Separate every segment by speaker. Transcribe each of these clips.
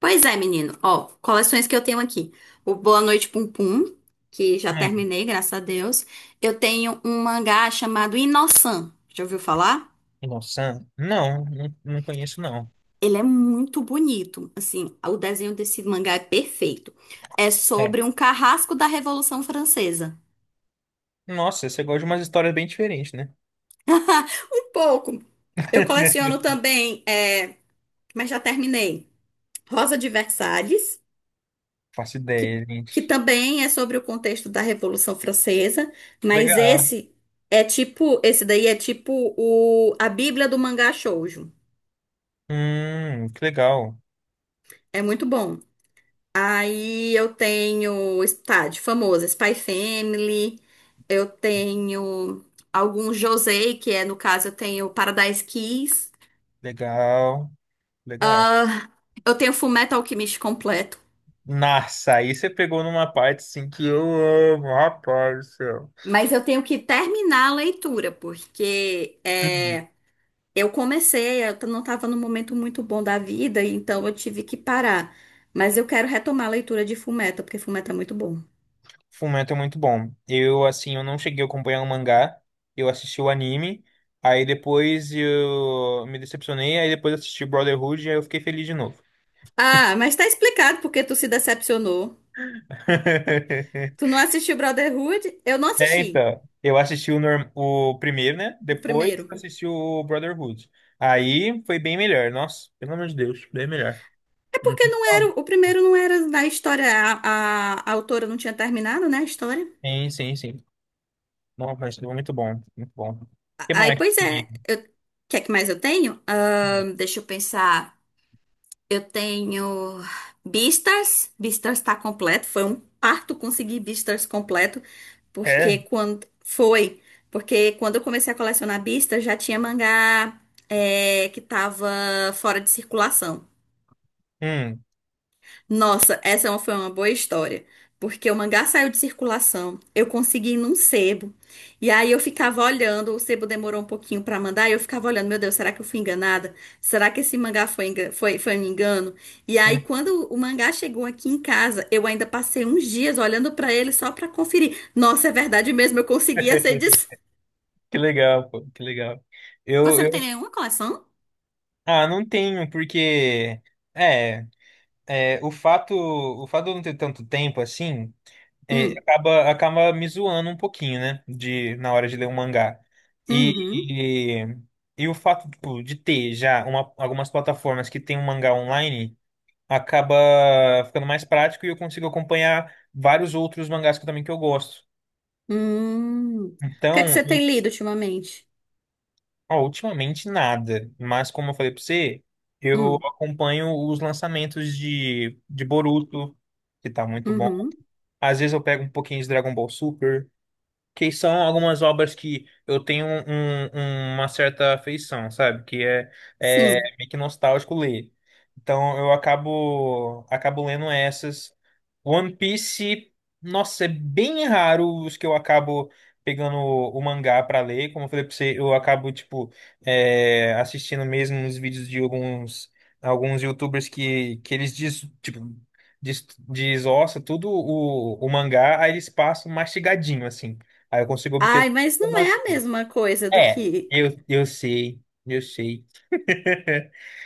Speaker 1: Pois é, menino. Ó, coleções que eu tenho aqui. O Boa Noite Pum Pum, que já
Speaker 2: Hum,
Speaker 1: terminei, graças a Deus. Eu tenho um mangá chamado Inosan. Já ouviu falar?
Speaker 2: nossa, não conheço, não.
Speaker 1: Ele é muito bonito. Assim, o desenho desse mangá é perfeito. É
Speaker 2: É.
Speaker 1: sobre um carrasco da Revolução Francesa.
Speaker 2: Nossa, você gosta de umas histórias bem diferentes, né?
Speaker 1: Um pouco. Eu coleciono também, é, mas já terminei. Rosa de Versalhes,
Speaker 2: Faço
Speaker 1: que,
Speaker 2: ideia,
Speaker 1: que
Speaker 2: gente.
Speaker 1: também é sobre o contexto da Revolução Francesa, mas
Speaker 2: Legal.
Speaker 1: esse daí é tipo a Bíblia do mangá shoujo.
Speaker 2: Que legal.
Speaker 1: É muito bom. Aí eu tenho, tá, de famosa, Spy Family, eu tenho alguns Josei, que é, no caso, eu tenho Paradise Kiss.
Speaker 2: Legal, legal.
Speaker 1: Ah, eu tenho Fullmetal Alchemist completo,
Speaker 2: Nossa, aí você pegou numa parte assim que eu amo, rapaz do céu.
Speaker 1: mas eu tenho que terminar a leitura, porque
Speaker 2: Uhum.
Speaker 1: é. Eu comecei, eu não estava num momento muito bom da vida, então eu tive que parar. Mas eu quero retomar a leitura de Fullmetal, porque Fullmetal é muito bom.
Speaker 2: Fullmetal é muito bom. Eu, assim, eu não cheguei a acompanhar o mangá, eu assisti o anime, aí depois eu me decepcionei, aí depois assisti Brotherhood e aí eu fiquei feliz de novo.
Speaker 1: Ah, mas tá explicado porque tu se decepcionou. Tu não assistiu Brotherhood? Eu não
Speaker 2: É,
Speaker 1: assisti
Speaker 2: então, eu assisti o primeiro, né?
Speaker 1: o
Speaker 2: Depois
Speaker 1: primeiro.
Speaker 2: eu assisti o Brotherhood. Aí foi bem melhor. Nossa, pelo amor de Deus, bem melhor.
Speaker 1: É
Speaker 2: Não
Speaker 1: porque
Speaker 2: tem
Speaker 1: não era,
Speaker 2: como.
Speaker 1: o primeiro não era na história, a autora não tinha terminado, né, a história.
Speaker 2: Sim, sim, sim. Nossa, mas foi muito bom, muito bom. O
Speaker 1: A-
Speaker 2: que
Speaker 1: Aí,
Speaker 2: mais? Que
Speaker 1: pois é,
Speaker 2: tem aqui?
Speaker 1: o que é que mais eu tenho? Deixa eu pensar. Eu tenho Beastars. Beastars tá completo. Foi um parto conseguir Beastars completo,
Speaker 2: É?
Speaker 1: porque quando foi, porque quando eu comecei a colecionar Beastars já tinha mangá, que tava fora de circulação.
Speaker 2: Hum.
Speaker 1: Nossa, foi uma boa história, porque o mangá saiu de circulação, eu consegui ir num sebo, e aí eu ficava olhando, o sebo demorou um pouquinho pra mandar, e eu ficava olhando, meu Deus, será que eu fui enganada? Será que esse mangá foi um engano? E aí,
Speaker 2: Hum.
Speaker 1: quando o mangá chegou aqui em casa, eu ainda passei uns dias olhando pra ele só pra conferir. Nossa, é verdade mesmo, eu consegui essa edição.
Speaker 2: Que legal, pô, que legal. Eu,
Speaker 1: Você não
Speaker 2: eu...
Speaker 1: tem nenhuma coleção?
Speaker 2: Ah, não tenho, porque... É, o fato, de eu não ter tanto tempo assim... É,
Speaker 1: Hum,
Speaker 2: acaba me zoando um pouquinho, né? De, na hora de ler um mangá.
Speaker 1: uhum,
Speaker 2: E, e o fato, tipo, de ter já uma- algumas plataformas que tem um mangá online acaba ficando mais prático e eu consigo acompanhar vários outros mangás que, também que eu gosto.
Speaker 1: hum. O que é que
Speaker 2: Então,
Speaker 1: você tem lido ultimamente?
Speaker 2: ó, ultimamente nada. Mas como eu falei pra você, eu
Speaker 1: Hum,
Speaker 2: acompanho os lançamentos de Boruto, que tá muito bom.
Speaker 1: uhum,
Speaker 2: Às vezes eu pego um pouquinho de Dragon Ball Super. Que são algumas obras que eu tenho uma certa afeição, sabe? Que é,
Speaker 1: sim.
Speaker 2: é meio que nostálgico ler. Então eu acabo lendo essas. One Piece, nossa, é bem raro os que eu acabo pegando o mangá pra ler. Como eu falei pra você, eu acabo tipo é, assistindo mesmo os vídeos de alguns YouTubers que eles diz, tipo desossa tudo o mangá, aí eles passam mastigadinho, assim. Aí eu consigo obter
Speaker 1: Ai, mas não é
Speaker 2: informação.
Speaker 1: a mesma coisa do
Speaker 2: É,
Speaker 1: que.
Speaker 2: eu sei, eu sei.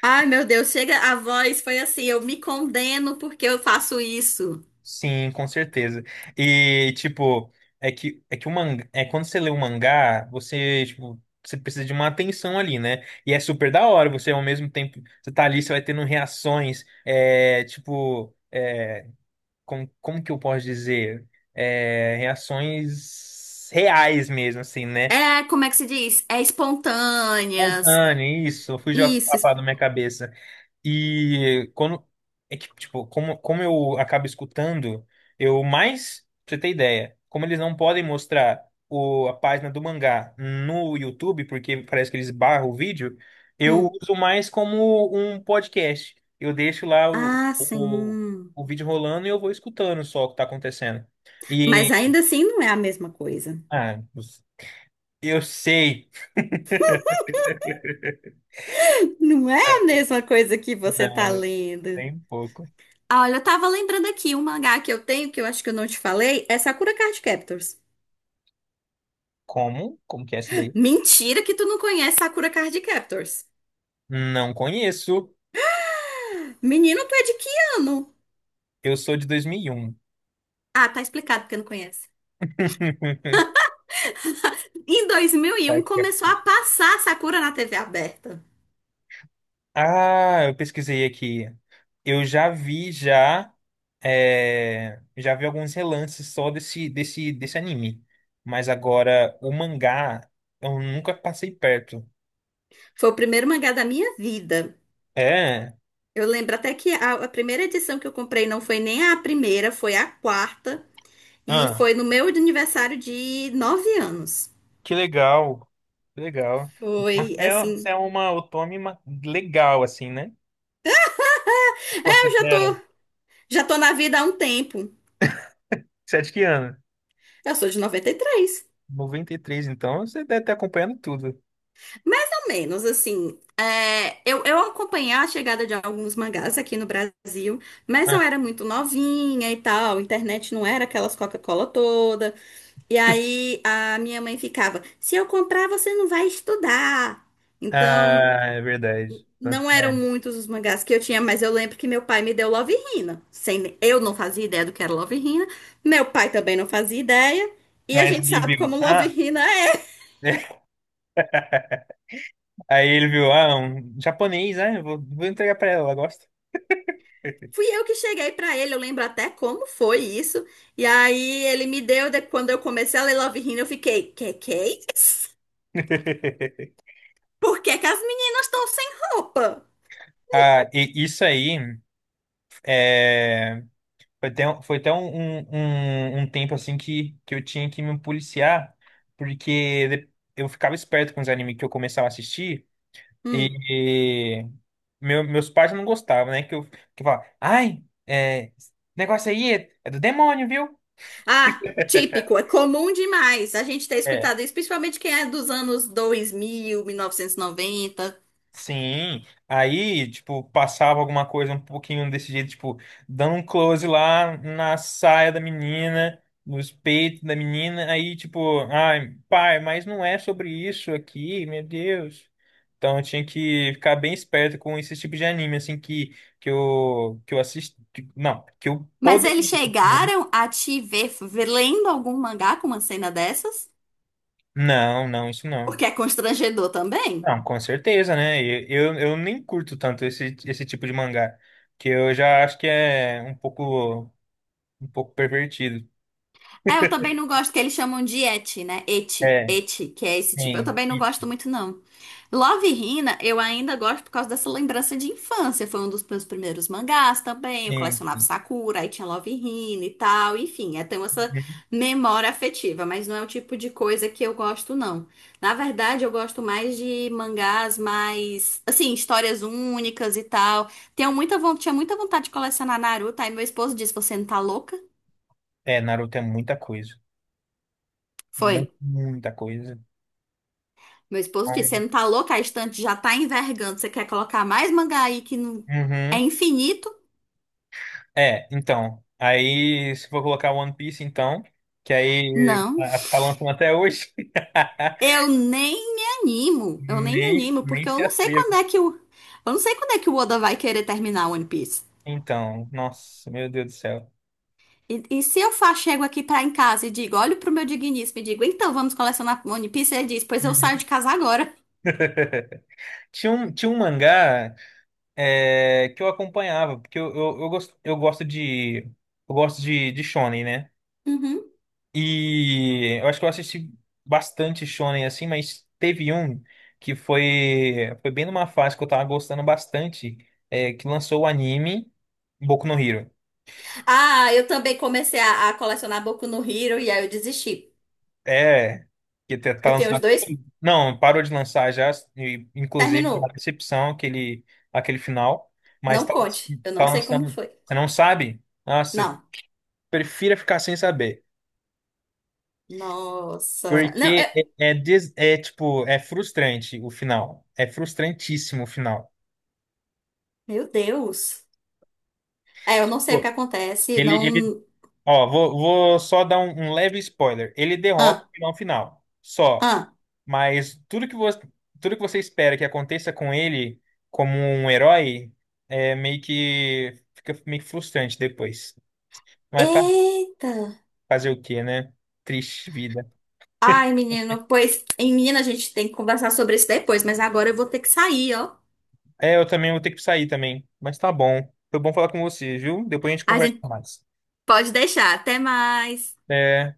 Speaker 1: Ai, meu Deus, chega a voz, foi assim, eu me condeno porque eu faço isso.
Speaker 2: Sim, com certeza. E, tipo, é que o mangá, é quando você lê um mangá, você, tipo, você precisa de uma atenção ali, né? E é super da hora, você ao mesmo tempo, você tá ali, você vai tendo reações, é, tipo, é, como que eu posso dizer? É, reações reais mesmo, assim, né?
Speaker 1: É, como é que se diz? É espontâneas.
Speaker 2: Espontâneo, isso, fugiu a
Speaker 1: Isso.
Speaker 2: palavra da minha cabeça. E quando é que, tipo, como eu acabo escutando, eu mais, pra você ter ideia, como eles não podem mostrar a página do mangá no YouTube, porque parece que eles barram o vídeo, eu
Speaker 1: Hum.
Speaker 2: uso mais como um podcast. Eu deixo lá
Speaker 1: Ah, sim.
Speaker 2: o vídeo rolando e eu vou escutando só o que tá acontecendo.
Speaker 1: Mas
Speaker 2: E,
Speaker 1: ainda assim não é a mesma coisa.
Speaker 2: ah, eu sei.
Speaker 1: Não é a mesma coisa que você tá
Speaker 2: Não,
Speaker 1: lendo.
Speaker 2: tem pouco.
Speaker 1: Ah, olha, eu tava lembrando aqui um mangá que eu tenho, que eu acho que eu não te falei, é Sakura Card Captors.
Speaker 2: Como? Como que é isso daí?
Speaker 1: Mentira que tu não conhece Sakura Card Captors.
Speaker 2: Não conheço.
Speaker 1: Menino, tu é de que ano?
Speaker 2: Eu sou de 2001.
Speaker 1: Ah, tá explicado porque não conhece. Em dois mil e
Speaker 2: Vai
Speaker 1: um
Speaker 2: que é-
Speaker 1: começou a passar Sakura na TV aberta.
Speaker 2: Ah, eu pesquisei aqui. Eu já vi já é, já vi alguns relances só desse anime, mas agora o mangá eu nunca passei perto.
Speaker 1: Foi o primeiro mangá da minha vida.
Speaker 2: É,
Speaker 1: Eu lembro até que a primeira edição que eu comprei não foi nem a primeira, foi a quarta. E
Speaker 2: ah,
Speaker 1: foi no meu aniversário de 9 anos.
Speaker 2: que legal, que legal. Mas
Speaker 1: Foi
Speaker 2: você
Speaker 1: assim.
Speaker 2: é uma otome ma- legal assim, né? Você
Speaker 1: É, eu já tô,
Speaker 2: considera?
Speaker 1: já tô na vida há um tempo.
Speaker 2: Você é de que ano?
Speaker 1: Eu sou de 93.
Speaker 2: 93, então você deve estar acompanhando tudo.
Speaker 1: Mais ou menos, assim. Eu acompanhei a chegada de alguns mangás aqui no Brasil, mas eu era muito novinha e tal, a internet não era aquelas Coca-Cola toda. E aí a minha mãe ficava: se eu comprar, você não vai estudar. Então,
Speaker 2: Ah, é verdade. Tanto
Speaker 1: não
Speaker 2: é.
Speaker 1: eram muitos os mangás que eu tinha, mas eu lembro que meu pai me deu Love Hina. Sem, Eu não fazia ideia do que era Love Hina, meu pai também não fazia ideia, e a
Speaker 2: Mas
Speaker 1: gente
Speaker 2: ele
Speaker 1: sabe
Speaker 2: viu.
Speaker 1: como Love
Speaker 2: Ah,
Speaker 1: Hina é.
Speaker 2: aí ele viu, ah, um japonês, né? Vou entregar pra ela, ela gosta.
Speaker 1: Fui eu que cheguei pra ele, eu lembro até como foi isso. E aí ele me deu, quando eu comecei a ler Love Hina, eu fiquei, que é isso? Por que que as meninas estão sem roupa?
Speaker 2: Ah, e isso aí é, foi até, um, foi até um tempo assim que eu tinha que me policiar, porque de- eu ficava esperto com os animes que eu começava a assistir e
Speaker 1: Hum.
Speaker 2: e meus pais não gostavam, né? Que eu falava, ai, é, esse negócio aí é, é do demônio, viu?
Speaker 1: Ah, típico, é comum demais a gente ter
Speaker 2: É.
Speaker 1: escutado isso, principalmente quem é dos anos 2000, 1990.
Speaker 2: Sim, aí, tipo, passava alguma coisa um pouquinho desse jeito, tipo, dando um close lá na saia da menina, nos peitos da menina, aí, tipo, ai, pai, mas não é sobre isso aqui, meu Deus. Então, eu tinha que ficar bem esperto com esse tipo de anime, assim, que, que eu assisti, não, que eu
Speaker 1: Mas eles
Speaker 2: poderia, né?
Speaker 1: chegaram a te ver, lendo algum mangá com uma cena dessas?
Speaker 2: Não, não, isso não.
Speaker 1: Porque é constrangedor também.
Speaker 2: Não, com certeza, né? E eu nem curto tanto esse tipo de mangá, que eu já acho que é um pouco pervertido.
Speaker 1: É, eu também não gosto que eles chamam de eti, né? Eti,
Speaker 2: É,
Speaker 1: eti, que é esse tipo. Eu
Speaker 2: sim,
Speaker 1: também não gosto muito, não. Love Hina, eu ainda gosto por causa dessa lembrança de infância. Foi um dos meus primeiros mangás também. Eu
Speaker 2: sim,
Speaker 1: colecionava
Speaker 2: sim.
Speaker 1: Sakura, aí tinha Love Hina e tal. Enfim, tenho essa memória afetiva, mas não é o tipo de coisa que eu gosto, não. Na verdade, eu gosto mais de mangás mais, assim, histórias únicas e tal. Tinha muita vontade de colecionar Naruto, aí meu esposo disse: Você não tá louca?
Speaker 2: É, Naruto é muita coisa,
Speaker 1: Foi.
Speaker 2: mu- muita coisa.
Speaker 1: Meu esposo disse: Você não tá louca? A estante já tá envergando. Você quer colocar mais mangá aí que não é
Speaker 2: Uhum.
Speaker 1: infinito?
Speaker 2: É, então, aí se for colocar One Piece, então, que aí
Speaker 1: Não,
Speaker 2: tá lançando até hoje,
Speaker 1: eu nem me animo. Eu nem me animo,
Speaker 2: nem
Speaker 1: porque eu
Speaker 2: se
Speaker 1: não sei
Speaker 2: atreva.
Speaker 1: quando é que o. Eu não sei quando é que o Oda vai querer terminar One Piece.
Speaker 2: Então, nossa, meu Deus do céu.
Speaker 1: E se eu chego aqui pra em casa e digo, olho pro meu digníssimo e digo, então vamos colecionar One Piece, ele diz, pois eu saio
Speaker 2: Uhum.
Speaker 1: de casa agora.
Speaker 2: Tinha um mangá é, que eu acompanhava, porque eu gosto de. Eu gosto de Shonen, né?
Speaker 1: Uhum.
Speaker 2: E eu acho que eu assisti bastante Shonen assim, mas teve um que foi, foi bem numa fase que eu tava gostando bastante, é, que lançou o anime Boku no Hero.
Speaker 1: Ah, eu também comecei a colecionar Boku no Hero e aí eu desisti.
Speaker 2: É, que tá
Speaker 1: Eu tenho os
Speaker 2: lançado.
Speaker 1: dois,
Speaker 2: Não, parou de lançar já, e, inclusive, uma
Speaker 1: terminou.
Speaker 2: decepção aquele, aquele final, mas
Speaker 1: Não
Speaker 2: tá,
Speaker 1: conte, eu
Speaker 2: tá
Speaker 1: não sei como
Speaker 2: lançando.
Speaker 1: foi.
Speaker 2: Você não sabe? Nossa,
Speaker 1: Não.
Speaker 2: prefira ficar sem saber.
Speaker 1: Nossa. Não,
Speaker 2: Porque
Speaker 1: é.
Speaker 2: é, é, des- é, tipo, é frustrante o final. É frustrantíssimo o final.
Speaker 1: Meu Deus. É, eu não sei o que
Speaker 2: Pô,
Speaker 1: acontece,
Speaker 2: Ele, ele,
Speaker 1: não.
Speaker 2: ó, vou só dar um, um leve spoiler. Ele derrota o
Speaker 1: Ah,
Speaker 2: vilão final. Só.
Speaker 1: ah.
Speaker 2: Mas tudo que você espera que aconteça com ele como um herói é meio que fica meio que frustrante depois. Mas tá,
Speaker 1: Eita.
Speaker 2: fazer o quê, né? Triste vida.
Speaker 1: Ai, menino, pois, em menina, a gente tem que conversar sobre isso depois, mas agora eu vou ter que sair, ó.
Speaker 2: É, eu também vou ter que sair também. Mas tá bom. Foi bom falar com você, viu? Depois a gente
Speaker 1: A
Speaker 2: conversa
Speaker 1: gente
Speaker 2: mais.
Speaker 1: pode deixar. Até mais.
Speaker 2: É